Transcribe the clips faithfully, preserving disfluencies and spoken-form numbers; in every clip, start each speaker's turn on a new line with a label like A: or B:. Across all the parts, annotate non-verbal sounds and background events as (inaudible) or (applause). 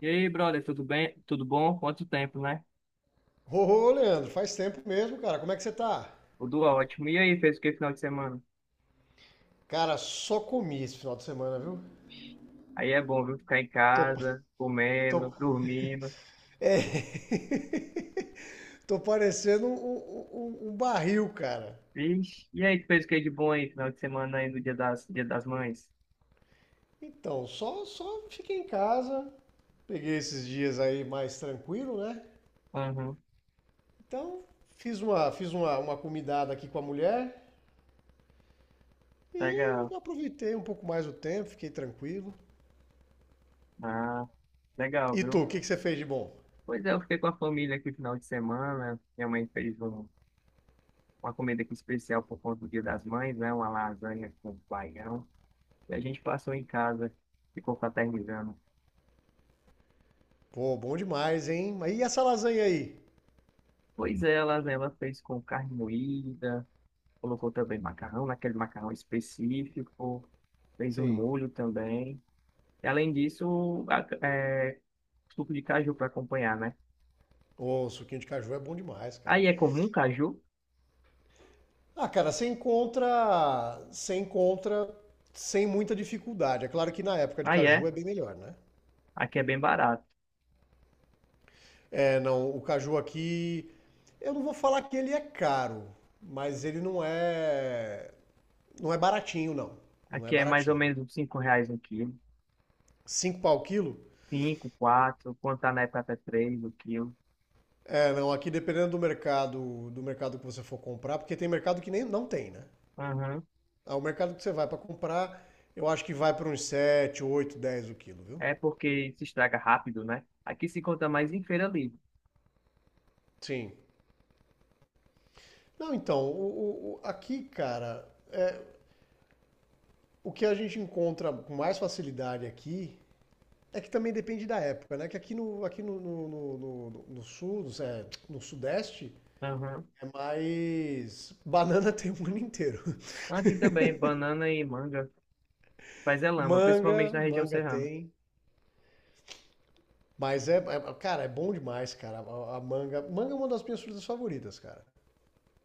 A: E aí, brother, tudo bem? Tudo bom? Quanto tempo, né?
B: Ô, ô, Leandro, faz tempo mesmo, cara. Como é que você tá?
A: Tudo ótimo. E aí, fez o que final de semana?
B: Cara, só comi esse final de semana, viu?
A: Aí é bom, viu? Ficar em
B: Tô, pa-
A: casa,
B: tô,
A: comendo, dormindo.
B: é, (laughs) Tô parecendo um, um- um- um barril, cara.
A: Vixe. E aí, tu fez o que de bom aí, final de semana aí, no Dia das, Dia das Mães?
B: Então, só, só fiquei em casa, peguei esses dias aí mais tranquilo, né?
A: Aham,
B: Então, fiz uma, fiz uma, uma comidada aqui com a mulher e
A: legal.
B: aproveitei um pouco mais o tempo, fiquei tranquilo.
A: Ah, legal,
B: E tu,
A: viu?
B: o que que você fez de bom?
A: Pois é, eu fiquei com a família aqui final de semana. Minha mãe fez um- Uma comida aqui especial por conta do Dia das Mães, né? Uma lasanha com baião. E a gente passou em casa, ficou fraternizando.
B: Pô, bom demais, hein? Mas e essa lasanha aí?
A: Pois ela, ela fez com carne moída, colocou também macarrão, naquele macarrão específico, fez um
B: Sim.
A: molho também. E, além disso, a- é, suco de caju para acompanhar, né?
B: Ô, suquinho de caju é bom demais, cara.
A: Aí é comum caju?
B: Ah, cara, você encontra, você encontra sem muita dificuldade. É claro que na época de
A: Aí é.
B: caju é bem melhor, né?
A: Aqui é bem barato.
B: É, não, o caju aqui, eu não vou falar que ele é caro, mas ele não é, não é baratinho, não. Não é
A: Aqui é mais ou
B: baratinho.
A: menos uns cinco reais um quilo.
B: Cinco pau o quilo?
A: Cinco, quatro, quando tá na época, até três o quilo.
B: É, não, aqui dependendo do mercado, do mercado que você for comprar, porque tem mercado que nem não tem, né?
A: Aham.
B: Ah, o mercado que você vai pra comprar, eu acho que vai para uns sete, oito, dez o quilo, viu?
A: É porque se estraga rápido, né? Aqui se conta mais em feira livre.
B: Sim. Não, então, o- o- aqui, cara, o que a gente encontra com mais facilidade aqui é que também depende da época, né? Que aqui no, aqui no, no, no- no- no- no sul, no, é, no sudeste,
A: Aham.
B: é mais. Banana (laughs) tem o ano inteiro.
A: Aqui também, banana e manga. Mas é lama, principalmente
B: Manga,
A: na região
B: manga
A: serrana.
B: tem. Mas é, é- cara, é bom demais, cara. A, a manga, manga é uma das minhas frutas favoritas, cara.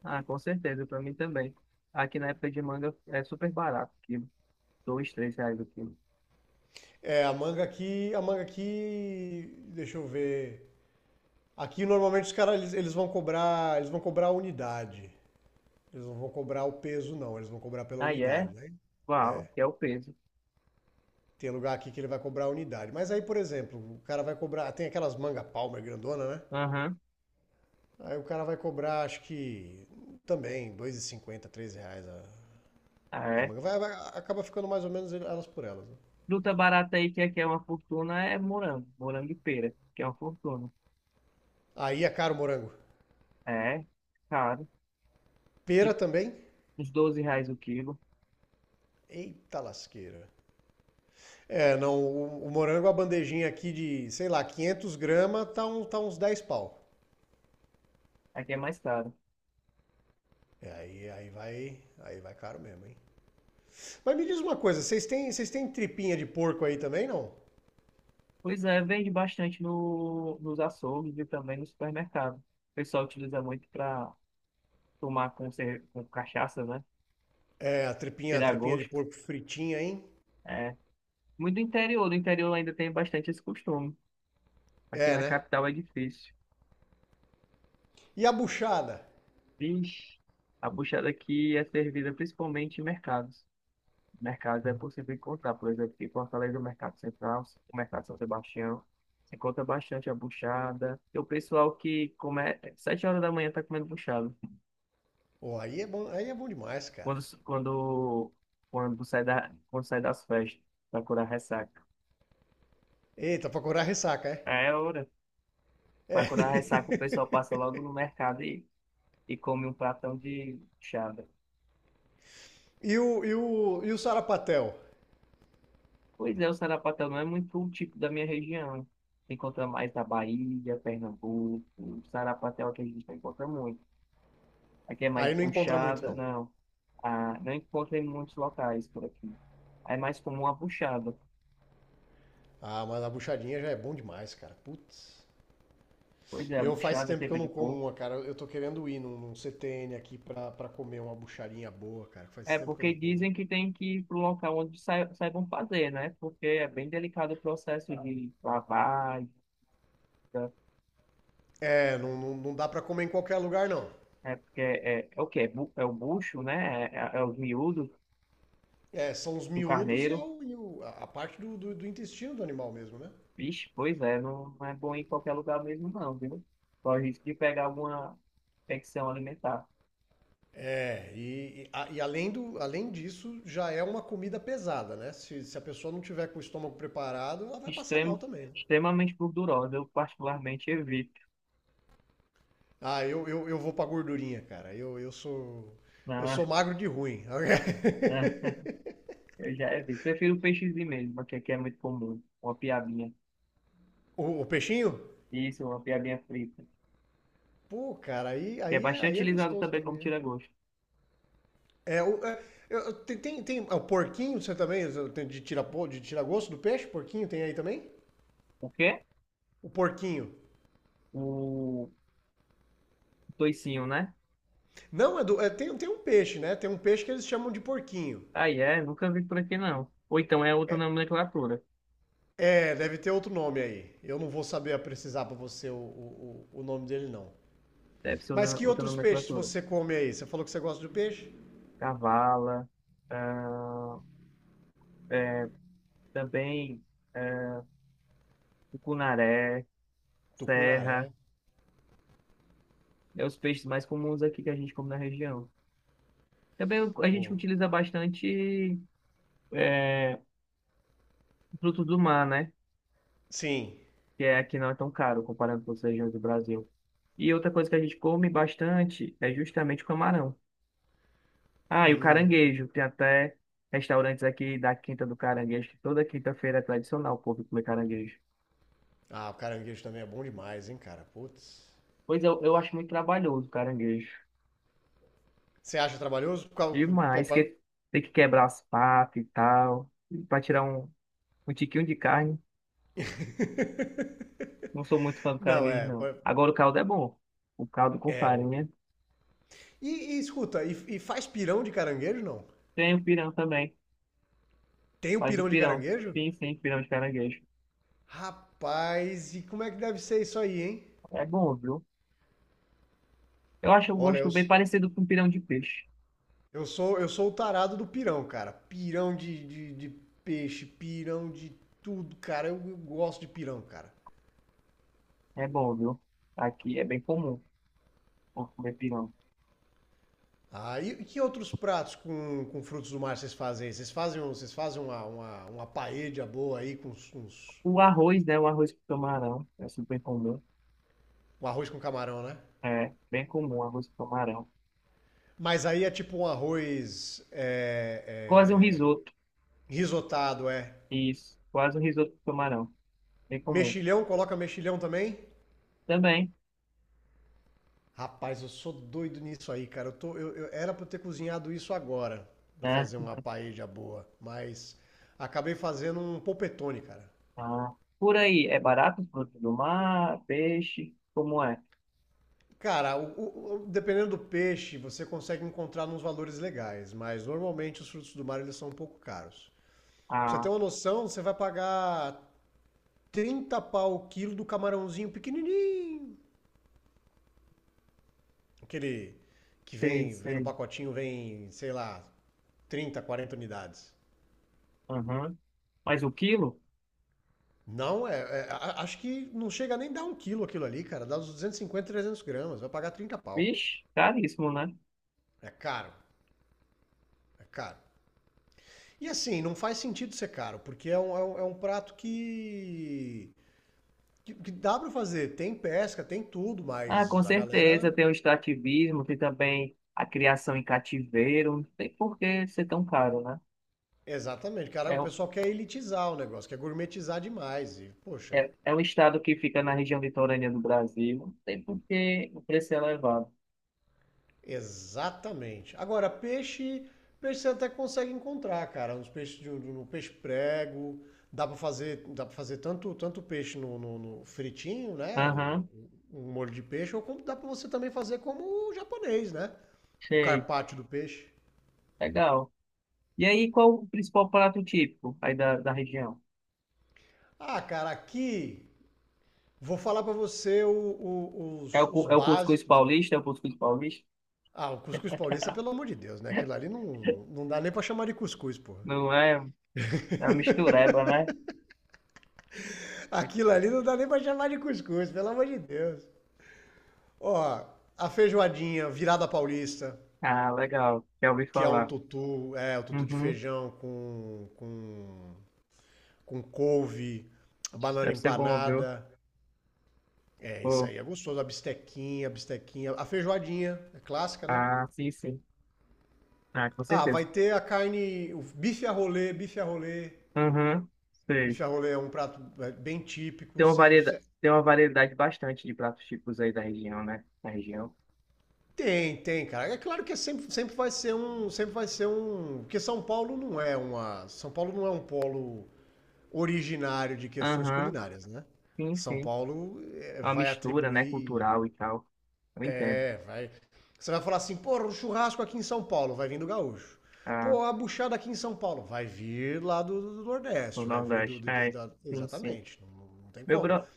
A: Ah, com certeza, para mim também. Aqui na época de manga é super barato, o quilo. Dois, três reais o quilo.
B: É, a manga aqui, a manga aqui, deixa eu ver. Aqui normalmente os caras eles, eles vão cobrar, eles vão cobrar a unidade. Eles não vão cobrar o peso, não, eles vão cobrar pela
A: Aí é?
B: unidade, né?
A: Uau, que é o peso.
B: Tem lugar aqui que ele vai cobrar a unidade. Mas aí, por exemplo, o cara vai cobrar. Tem aquelas manga palmer grandona, né?
A: Aham,
B: Aí o cara vai cobrar, acho que também, dois e cinquenta três reais a,
A: ah
B: a
A: é.
B: manga. Vai, vai- acaba ficando mais ou menos elas por elas, né?
A: Fruta barata aí, que aqui é uma fortuna, é morango, morango e pera, que é uma fortuna.
B: Aí é caro o morango.
A: É, caro.
B: Pera
A: Tipo,
B: também?
A: uns doze reais o quilo.
B: Eita lasqueira. É, não, o, o morango, a bandejinha aqui de, sei lá, quinhentos gramas, tá, um, tá uns dez pau.
A: Aqui é mais caro.
B: É, aí, aí vai, aí vai caro mesmo, hein? Mas me diz uma coisa, vocês têm, vocês têm tripinha de porco aí também, não?
A: Pois é, vende bastante no, nos açougues e também no supermercado. O pessoal utiliza muito para tomar com, cer- com cachaça, né?
B: É, a tripinha, a
A: Tirar
B: tripinha de
A: gosto.
B: porco fritinha, hein?
A: É. Muito do interior, no interior ainda tem bastante esse costume. Aqui
B: É,
A: na
B: né?
A: capital é difícil.
B: E a buchada?
A: Vixe, a puxada aqui é servida principalmente em mercados. Mercados é possível encontrar, por exemplo, aqui em Fortaleza, o Mercado Central, o Mercado São Sebastião. Se encontra bastante a buchada. E o pessoal que come sete horas da manhã está comendo buchada.
B: Pô, aí é bom, aí é bom demais, cara.
A: Quando, quando, quando, sai da, quando sai das festas, para curar ressaca.
B: Eita, pra curar a ressaca, é?
A: É hora. Para
B: É.
A: curar
B: (laughs)
A: ressaca, o pessoal passa logo no mercado e, e come um pratão de buchada.
B: E o, e o, e o sarapatel?
A: Pois é, o sarapatel não é muito o tipo da minha região. Se encontra mais na Bahia, Pernambuco. O sarapatel que a gente não encontra muito. Aqui é mais
B: Aí não encontra muito,
A: buchada,
B: não.
A: não. Ah, não encontra em muitos locais por aqui. É mais comum a buchada.
B: Ah, mas a buchadinha já é bom demais, cara. Putz.
A: Pois é, a
B: Eu faz
A: buchada,
B: tempo que eu
A: teve de
B: não como
A: porco.
B: uma, cara. Eu tô querendo ir num, num C T N aqui pra, pra comer uma buchadinha boa, cara. Faz
A: É
B: tempo que eu
A: porque
B: não como.
A: dizem que tem que ir para o local onde sai- saibam fazer, né? Porque é bem delicado o processo de lavagem. Tá?
B: É, não, não, não dá pra comer em qualquer lugar, não.
A: É porque é, é o quê? É, bu- é o bucho, né? É, é é os miúdos
B: É, são os
A: do
B: miúdos e, é
A: carneiro.
B: o- e o- a a parte do, do- do intestino do animal mesmo, né?
A: Vixe, pois é, não, não é bom ir em qualquer lugar mesmo, não, viu? Corre o risco de pegar alguma infecção alimentar.
B: É, e, e a- e além do, além disso, já é uma comida pesada, né? Se, se a pessoa não tiver com o estômago preparado, ela vai passar mal
A: Extremo,
B: também, né?
A: Extremamente gordurosa, eu particularmente evito.
B: Ah, eu, eu, eu vou pra gordurinha, cara. Eu, eu sou eu
A: Ah,
B: sou magro de ruim.
A: ah, (laughs)
B: (laughs)
A: eu já evito. Prefiro peixezinho mesmo, porque aqui é muito comum. Uma piabinha.
B: O, o peixinho?
A: Isso, uma piabinha frita.
B: Pô, cara, aí,
A: Que é
B: aí, é-
A: bastante
B: aí é
A: utilizado
B: gostoso
A: também
B: também,
A: como
B: né?
A: tira-gosto.
B: É, o, é, eu- eu- tem, tem, tem- é, o porquinho, você também, tem de tira, de tira gosto do peixe? Porquinho tem aí também?
A: O quê?
B: O porquinho.
A: O toicinho, né?
B: Não, Edu, é, tem, tem um peixe, né? Tem um peixe que eles chamam de porquinho.
A: Aí é, nunca vi por aqui não. Ou então é outra nomenclatura.
B: É, deve ter outro nome aí. Eu não vou saber precisar pra você o, o, o o nome dele, não.
A: Deve ser outra
B: Mas que
A: outra
B: outros peixes
A: nomenclatura.
B: você come aí? Você falou que você gosta de peixe?
A: Cavala. ah, é, Também é, tucunaré, serra,
B: Tucunaré,
A: é os peixes mais comuns aqui que a gente come na região. Também a gente
B: pô.
A: utiliza bastante é, frutos do mar, né?
B: Sim.
A: Que é, aqui não é tão caro comparando com as regiões do Brasil. E outra coisa que a gente come bastante é justamente o camarão. Ah, e o
B: Hum.
A: caranguejo. Tem até restaurantes aqui da Quinta do Caranguejo, que toda quinta-feira é tradicional o povo comer caranguejo.
B: Ah, o caranguejo também é bom demais, hein, cara? Putz.
A: Pois eu, eu acho muito trabalhoso o caranguejo.
B: Você acha trabalhoso? Por causa- pô,
A: Demais,
B: pra-
A: que tem que quebrar as patas e tal, pra tirar um, um tiquinho de carne. Não sou muito fã do
B: Não,
A: caranguejo,
B: é. Pô,
A: não. Agora o caldo é bom. O caldo com
B: é. O-
A: farinha.
B: E, e escuta, e, e faz pirão de caranguejo, não?
A: Tem o pirão também.
B: Tem o
A: Faz o
B: pirão de
A: pirão.
B: caranguejo?
A: Sim, sim, pirão de caranguejo.
B: Rapaz, e como é que deve ser isso aí, hein?
A: É bom, viu? Eu acho o
B: Olha, eu,
A: gosto bem
B: s-
A: parecido com pirão de peixe.
B: eu sou eu sou o tarado do pirão, cara. Pirão de, de, de peixe, pirão de tudo, cara. Eu, eu gosto de pirão, cara.
A: É bom, viu? Aqui é bem comum comer pirão.
B: Ah, e, e que outros pratos com, com frutos do mar vocês fazem aí? Vocês fazem, um- vocês fazem uma, uma, uma paella boa aí com uns, uns-
A: O arroz, né? O arroz com camarão. É super comum.
B: um arroz com camarão, né?
A: É, bem comum arroz com camarão.
B: Mas aí é tipo um arroz
A: Quase um
B: é, é,
A: risoto.
B: risotado, é.
A: Isso, quase um risoto com camarão. Bem comum.
B: Mexilhão, coloca mexilhão também?
A: Também,
B: Rapaz, eu sou doido nisso aí, cara. Eu tô, eu, eu- Era pra eu ter cozinhado isso agora, pra
A: né?
B: fazer uma paella boa, mas acabei fazendo um polpetone, cara.
A: Ah, por aí, é barato os produtos do mar, peixe, como é?
B: Cara, o- o- o- dependendo do peixe, você consegue encontrar uns valores legais, mas normalmente os frutos do mar eles são um pouco caros. Pra você
A: Ah,
B: ter uma noção, você vai pagar trinta pau o quilo do camarãozinho pequenininho. Aquele que
A: sei,
B: vem, vem no
A: sei.
B: pacotinho, vem, sei lá, trinta, quarenta unidades.
A: Aham. Mas o quilo?
B: Não, é, é, a- acho que não chega nem dar um quilo aquilo ali, cara. Dá uns duzentos e cinquenta, trezentos gramas. Vai pagar trinta pau.
A: Vixe, caríssimo, né?
B: É caro. É caro. E assim, não faz sentido ser caro, porque é um, é um- é um prato que, que. que dá pra fazer. Tem pesca, tem tudo,
A: Ah, com
B: mas a galera.
A: certeza, tem o extrativismo, tem também a criação em cativeiro, não tem por que ser tão caro, né?
B: Exatamente, cara.
A: É
B: O
A: um,
B: pessoal quer elitizar o negócio, quer gourmetizar demais. E, poxa,
A: É, é um estado que fica na região litorânea do Brasil, não tem por que o preço é elevado.
B: exatamente. Agora, peixe, peixe você até consegue encontrar, cara. Uns peixes de, de- no peixe prego. Dá pra fazer, dá para fazer tanto, tanto peixe no, no- no fritinho, né? Um
A: Aham,
B: um molho de peixe, ou como dá pra você também fazer como o japonês, né? O
A: sei,
B: carpaccio do peixe.
A: legal. E aí, qual o principal prato típico aí da, da região?
B: Ah, cara, aqui vou falar pra você o- o-
A: É o,
B: os, os
A: cu- é o cuscuz
B: básicos.
A: paulista? É o cuscuz paulista?
B: Ah, o cuscuz paulista, pelo amor de Deus, né? Aquilo ali não, não dá nem pra chamar de cuscuz, porra.
A: Não é? É uma mistureba, né?
B: Aquilo ali não dá nem pra chamar de cuscuz, pelo amor de Deus. Ó, a feijoadinha virada paulista,
A: Ah, legal. Já ouvi
B: que é um
A: falar.
B: tutu, é, o tutu de
A: Uhum.
B: feijão com, com, com couve, banana
A: Deve ser bom, viu?
B: empanada. É, isso
A: Pô.
B: aí é gostoso. A bistequinha, a bistequinha. A feijoadinha, é clássica, né?
A: Ah, sim, sim. Ah, com
B: Ah,
A: certeza.
B: vai ter a carne, o bife a rolê, bife a rolê.
A: Uhum. Sei.
B: Bife a rolê é um prato é, bem típico,
A: Tem uma
B: sem...
A: variedade,
B: sem-
A: tem uma variedade bastante de pratos típicos aí da região, né? Da região,
B: Tem, tem, cara. É claro que é sempre, sempre vai ser um, sempre vai ser um, porque São Paulo não é uma, São Paulo não é um polo originário de questões
A: Aham,
B: culinárias, né?
A: sim,
B: São
A: sim.
B: Paulo eh,
A: É uma
B: vai
A: mistura, né?
B: atribuir.
A: Cultural e tal. Eu entendo.
B: É, vai. Você vai falar assim, pô, o churrasco aqui em São Paulo, vai vir do gaúcho.
A: Ah,
B: Pô, a buchada aqui em São Paulo, vai vir lá do, do
A: no
B: Nordeste, vai vir do.
A: Nordeste.
B: Do-
A: É,
B: da- da-
A: sim, sim.
B: exatamente, não, não- não tem
A: Meu,
B: como.
A: bro...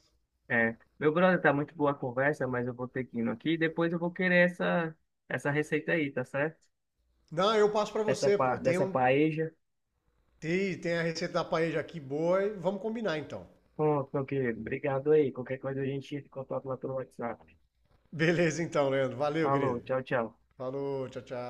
A: É, meu brother, tá muito boa a conversa, mas eu vou ter que ir aqui. Depois eu vou querer essa, essa receita aí, tá certo?
B: Não, eu passo pra
A: Essa,
B: você,
A: pa-
B: pô. Tem,
A: dessa
B: um,
A: paeja.
B: tem, tem a receita da paella aqui boa e vamos combinar então.
A: Pronto, meu querido. Obrigado aí. Qualquer coisa a gente entra em contato lá pelo WhatsApp.
B: Beleza então, Leandro. Valeu,
A: Falou,
B: querido.
A: tchau, tchau.
B: Falou, tchau, tchau.